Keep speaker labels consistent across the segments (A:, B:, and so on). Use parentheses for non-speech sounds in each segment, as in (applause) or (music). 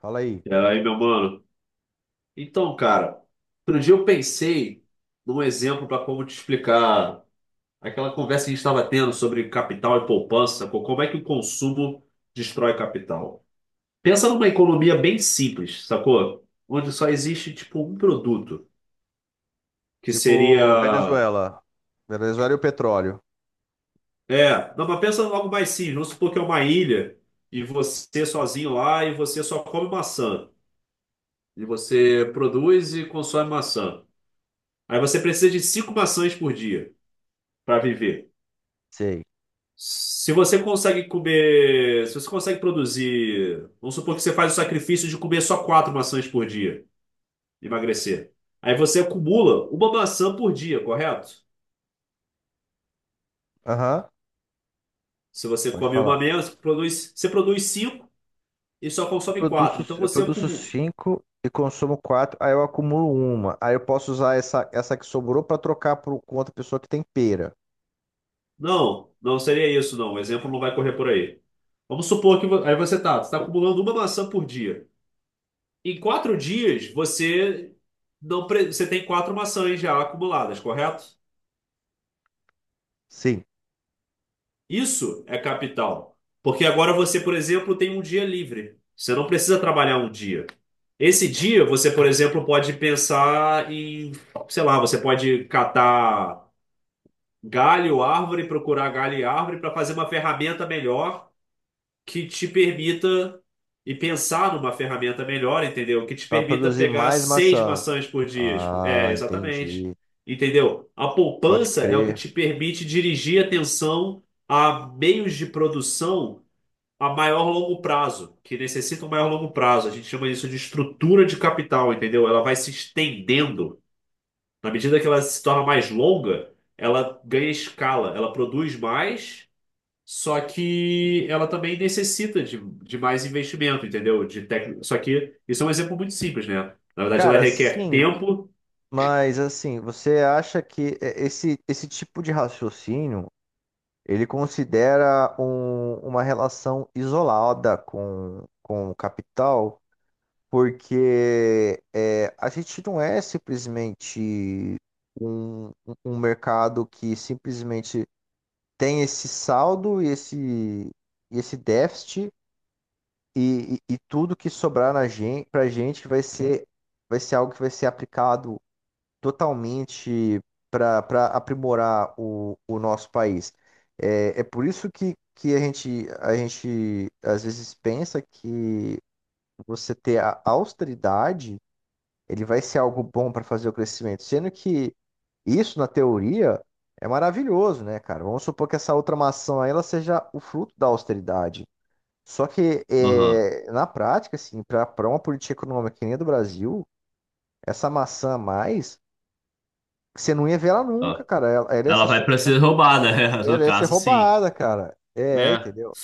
A: Fala aí.
B: E aí, meu mano? Então, cara, outro dia eu pensei num exemplo para como te explicar aquela conversa que a gente estava tendo sobre capital e poupança, como é que o consumo destrói capital. Pensa numa economia bem simples, sacou? Onde só existe, tipo, um produto, que
A: Tipo,
B: seria...
A: Venezuela. Venezuela e o petróleo.
B: É, não, mas pensa em algo mais simples. Vamos supor que é uma ilha e você sozinho lá e você só come maçã. E você produz e consome maçã. Aí você precisa de cinco maçãs por dia para viver.
A: Sei.
B: Se você consegue comer, se você consegue produzir, vamos supor que você faz o sacrifício de comer só quatro maçãs por dia, emagrecer. Aí você acumula uma maçã por dia, correto?
A: Aham,
B: Se você
A: pode
B: come uma
A: falar.
B: menos, produz, você produz cinco e só
A: Eu
B: consome quatro.
A: produzo,
B: Então
A: eu
B: você
A: produzo
B: acumula.
A: cinco e consumo quatro, aí eu acumulo uma. Aí eu posso usar essa que sobrou para trocar por, com outra pessoa que tem pera.
B: Não, não seria isso, não. O exemplo não vai correr por aí. Vamos supor que aí você está acumulando uma maçã por dia. Em 4 dias, você não, pre- você tem quatro maçãs já acumuladas, correto?
A: Sim.
B: Isso é capital. Porque agora você, por exemplo, tem um dia livre. Você não precisa trabalhar um dia. Esse dia, você, por exemplo, pode pensar em, sei lá, você pode catar galho, árvore, procurar galho e árvore para fazer uma ferramenta melhor que te permita e pensar numa ferramenta melhor, entendeu? Que te
A: Para
B: permita
A: produzir
B: pegar
A: mais
B: seis
A: maçã.
B: maçãs por dia. É,
A: Ah,
B: exatamente.
A: entendi.
B: Entendeu? A
A: Pode
B: poupança é o que
A: crer.
B: te permite dirigir atenção a meios de produção a maior longo prazo, que necessitam maior longo prazo. A gente chama isso de estrutura de capital, entendeu? Ela vai se estendendo. Na medida que ela se torna mais longa, ela ganha escala, ela produz mais, só que ela também necessita de mais investimento, entendeu? Só que isso é um exemplo muito simples, né? Na verdade, ela
A: Cara,
B: requer
A: sim,
B: tempo.
A: mas assim, você acha que esse tipo de raciocínio. Ele considera uma relação isolada com o capital, porque a gente não é simplesmente um, um mercado que simplesmente tem esse saldo e esse déficit, e tudo que sobrar na gente, para a gente vai ser algo que vai ser aplicado totalmente para aprimorar o nosso país. É por isso que a gente às vezes pensa que você ter a austeridade, ele vai ser algo bom para fazer o crescimento, sendo que isso na teoria é maravilhoso, né, cara? Vamos supor que essa outra maçã aí, ela seja o fruto da austeridade. Só que
B: Aham.
A: na prática, assim, para uma política econômica que nem a do Brasil, essa maçã a mais que você não ia ver ela nunca,
B: Ó.
A: cara. Ela, ela ia
B: Ela
A: ser,
B: vai
A: su-
B: para
A: ela ia
B: ser
A: ser-
B: roubada, (laughs) é, no
A: ela ia ser
B: caso, sim.
A: roubada, cara. É,
B: É.
A: entendeu?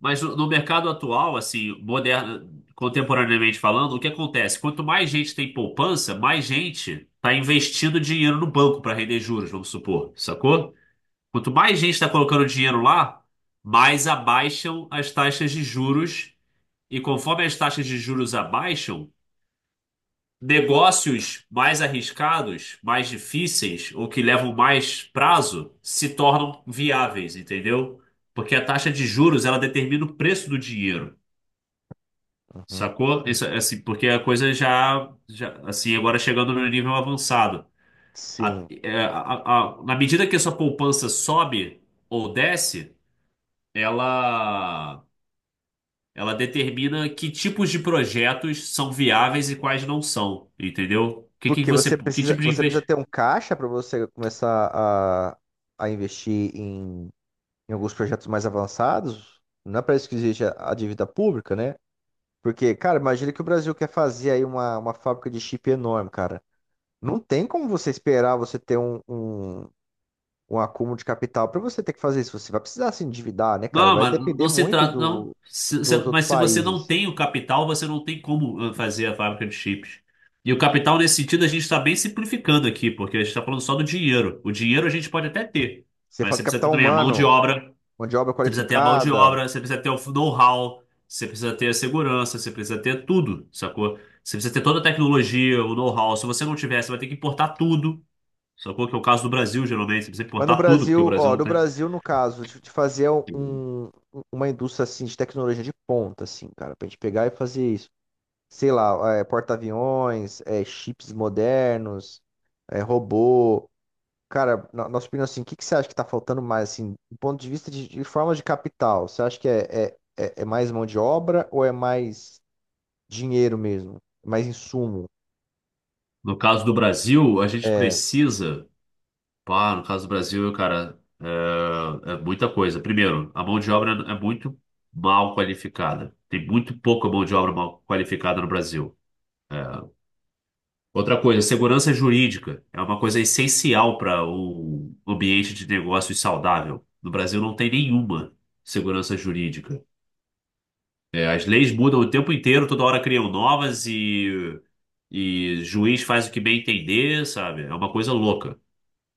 B: Mas no mercado atual, assim, moderno, contemporaneamente falando, o que acontece? Quanto mais gente tem poupança, mais gente está investindo dinheiro no banco para render juros, vamos supor, sacou? Quanto mais gente está colocando dinheiro lá, mais abaixam as taxas de juros. E conforme as taxas de juros abaixam, negócios mais arriscados, mais difíceis ou que levam mais prazo se tornam viáveis, entendeu? Porque a taxa de juros ela determina o preço do dinheiro,
A: Uhum.
B: sacou? Isso, assim, porque a coisa já assim agora chegando no nível avançado.
A: Sim.
B: Na medida que a sua poupança sobe ou desce, ela Ela determina que tipos de projetos são viáveis e quais não são, entendeu?
A: Porque você
B: Que
A: precisa,
B: tipo de
A: você precisa
B: investimento?
A: ter um caixa para você começar a investir em alguns projetos mais avançados. Não é para isso que existe a dívida pública, né? Porque, cara, imagina que o Brasil quer fazer aí uma fábrica de chip enorme, cara. Não tem como você esperar você ter um acúmulo de capital para você ter que fazer isso. Você vai precisar se endividar, né, cara?
B: Não,
A: Vai
B: mas
A: depender
B: não se
A: muito
B: trata, não.
A: do, dos outros
B: Mas se você não
A: países.
B: tem o capital, você não tem como fazer a fábrica de chips. E o capital, nesse sentido, a gente está bem simplificando aqui, porque a gente está falando só do dinheiro. O dinheiro a gente pode até ter,
A: Você
B: mas
A: fala de
B: você precisa ter
A: capital
B: também a mão de
A: humano,
B: obra.
A: mão de obra
B: Você precisa ter a mão de
A: qualificada.
B: obra, você precisa ter o know-how, você precisa ter a segurança, você precisa ter tudo, sacou? Você precisa ter toda a tecnologia, o know-how. Se você não tiver, você vai ter que importar tudo, sacou? Que é o caso do Brasil, geralmente. Você precisa
A: Mas no
B: importar tudo, porque o
A: Brasil,
B: Brasil
A: ó,
B: não
A: no
B: tem.
A: Brasil, no caso, de fazer uma indústria assim de tecnologia de ponta, assim, cara, pra gente pegar e fazer isso. Sei lá, porta-aviões, chips modernos, robô. Cara, na nossa opinião, assim, o que que você acha que tá faltando mais, assim, do ponto de vista de forma de capital? Você acha que é mais mão de obra ou é mais dinheiro mesmo? Mais insumo?
B: No caso do Brasil, a gente
A: É,
B: precisa. Pá, no caso do Brasil, cara, é muita coisa. Primeiro, a mão de obra é muito mal qualificada. Tem muito pouca mão de obra mal qualificada no Brasil. Outra coisa, segurança jurídica é uma coisa essencial para o ambiente de negócios saudável. No Brasil não tem nenhuma segurança jurídica. É, as leis mudam o tempo inteiro, toda hora criam novas e juiz faz o que bem entender, sabe? É uma coisa louca.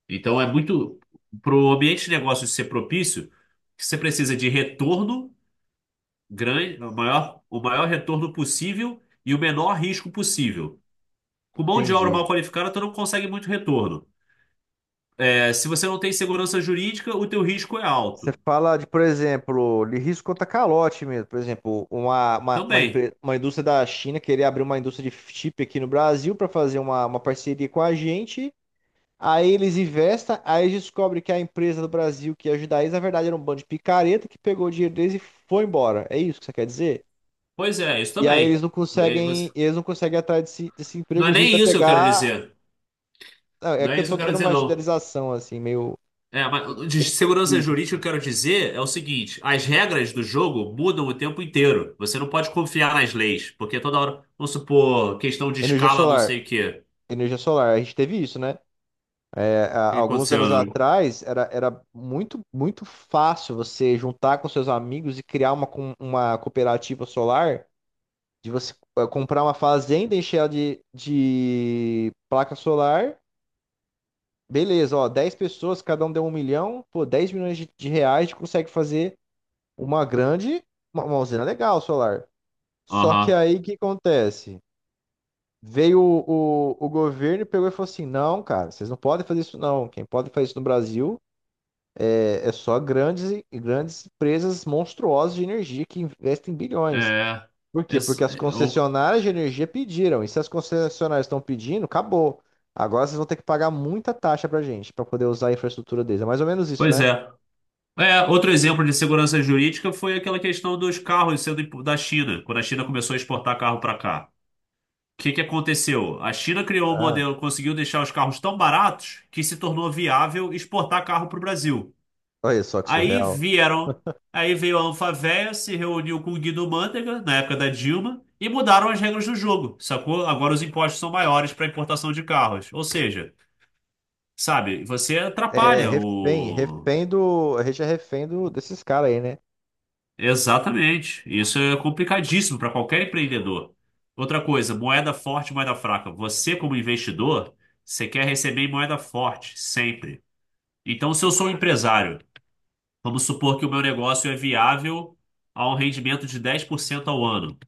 B: Então é muito, para o ambiente de negócios ser propício, você precisa de retorno grande, o maior retorno possível e o menor risco possível. Com mão de obra mal
A: entendi.
B: qualificada, tu não consegue muito retorno. É, se você não tem segurança jurídica, o teu risco é
A: Você
B: alto.
A: fala de, por exemplo, de risco contra calote mesmo. Por exemplo, uma, uma, uma,
B: Também.
A: empre- uma indústria da China querer abrir uma indústria de chip aqui no Brasil para fazer uma parceria com a gente. Aí eles investem, aí descobre que a empresa do Brasil que ia ajudar eles, na verdade, era um bando de picareta que pegou o dinheiro deles e foi embora. É isso que você quer dizer?
B: Pois é, isso
A: E aí eles
B: também.
A: não
B: É, você-
A: conseguem, eles não conseguem ir atrás desse
B: Não é
A: emprego justo
B: nem
A: a
B: isso que eu quero
A: pegar.
B: dizer.
A: Ah, é
B: Não
A: que
B: é
A: eu
B: isso que
A: tô
B: eu quero
A: dando
B: dizer,
A: uma
B: não.
A: generalização, assim, meio
B: É, mas de
A: bem
B: segurança
A: simples,
B: jurídica, o
A: assim.
B: que eu quero dizer é o seguinte: as regras do jogo mudam o tempo inteiro. Você não pode confiar nas leis, porque toda hora, vamos supor, questão de
A: Energia
B: escala, não
A: solar.
B: sei o quê.
A: Energia solar, a gente teve isso, né? É, há
B: O que
A: alguns anos
B: aconteceu, né?
A: atrás, era muito, muito fácil você juntar com seus amigos e criar uma cooperativa solar de você comprar uma fazenda, encher ela de placa solar. Beleza, ó, 10 pessoas, cada um deu 1 milhão, pô, 10 milhões de reais, a gente consegue fazer uma grande, uma usina legal solar. Só que
B: Aham.
A: aí o que acontece? Veio o governo e pegou e falou assim: não, cara, vocês não podem fazer isso, não. Quem pode fazer isso no Brasil é só grandes empresas monstruosas de energia que investem bilhões.
B: É.
A: Por quê?
B: Ex-
A: Porque as
B: eu-
A: concessionárias de energia pediram. E se as concessionárias estão pedindo, acabou. Agora vocês vão ter que pagar muita taxa pra gente pra poder usar a infraestrutura deles. É mais ou menos isso,
B: Pois
A: né?
B: é. É, outro exemplo de segurança jurídica foi aquela questão dos carros sendo da China, quando a China começou a exportar carro para cá. O que que aconteceu? A China criou um
A: Ah,
B: modelo, conseguiu deixar os carros tão baratos que se tornou viável exportar carro para o Brasil.
A: olha só que
B: Aí
A: surreal.
B: vieram, aí veio a Anfavea, se reuniu com o Guido Mantega, na época da Dilma, e mudaram as regras do jogo, sacou? Agora os impostos são maiores para importação de carros. Ou seja, sabe, você
A: É
B: atrapalha
A: refém,
B: o.
A: refém do. A gente é refém desses caras aí, né?
B: Exatamente. Isso é complicadíssimo para qualquer empreendedor. Outra coisa, moeda forte, moeda fraca. Você, como investidor, você quer receber em moeda forte, sempre. Então, se eu sou um empresário, vamos supor que o meu negócio é viável a um rendimento de 10% ao ano.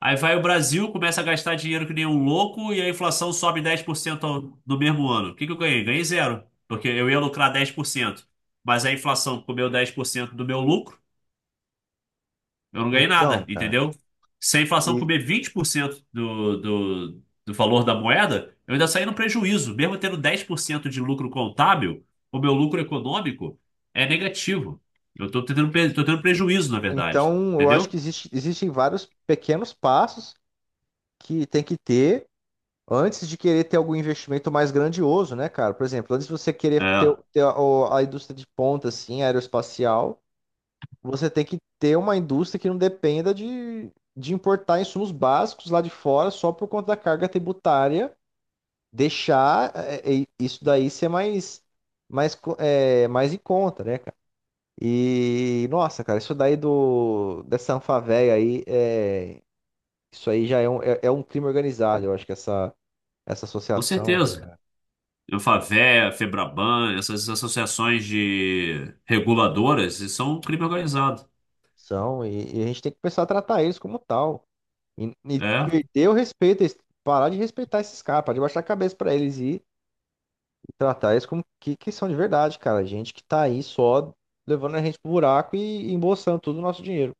B: Aí vai o Brasil, começa a gastar dinheiro que nem um louco e a inflação sobe 10% no mesmo ano. O que que eu ganhei? Ganhei zero, porque eu ia lucrar 10%, mas a inflação comeu 10% do meu lucro. Eu não ganhei
A: Então,
B: nada,
A: cara.
B: entendeu? Se a inflação
A: E,
B: comer 20% do valor da moeda, eu ainda saí no prejuízo. Mesmo tendo 10% de lucro contábil, o meu lucro econômico é negativo. Eu estou tô tendo prejuízo, na verdade.
A: então, eu acho
B: Entendeu?
A: que existem vários pequenos passos que tem que ter antes de querer ter algum investimento mais grandioso, né, cara? Por exemplo, antes de você querer ter,
B: É,
A: ter a indústria de ponta, assim, aeroespacial. Você tem que ter uma indústria que não dependa de importar insumos básicos lá de fora só por conta da carga tributária, deixar isso daí ser mais em conta, né, cara? E, nossa, cara, isso daí dessa Anfavea aí, isso aí já é um crime organizado, eu acho que essa
B: com
A: associação aí,
B: certeza.
A: cara,
B: Eu Favea, Febraban, essas associações de reguladoras, isso são um crime organizado.
A: são, e a gente tem que começar a tratar eles como tal. E
B: É.
A: perder o respeito, parar de respeitar esses caras, parar de baixar a cabeça pra eles e tratar eles como que são de verdade, cara. Gente que tá aí só levando a gente pro buraco e embolsando todo o nosso dinheiro.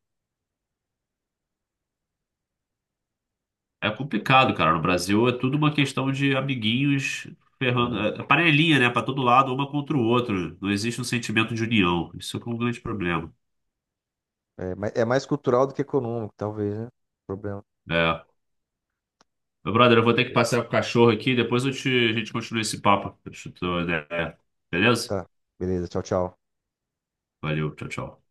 B: É complicado, cara. No Brasil é tudo uma questão de amiguinhos ferrando, é panelinha, né? Pra todo lado, uma contra o outro. Não existe um sentimento de união. Isso é um grande problema.
A: É mais cultural do que econômico, talvez, né? Problema.
B: É. Meu brother, eu vou ter que passear com o cachorro aqui, depois a gente continua esse papo. Deixa eu ter uma ideia. Beleza?
A: Tá, beleza, tchau, tchau.
B: Valeu, tchau, tchau.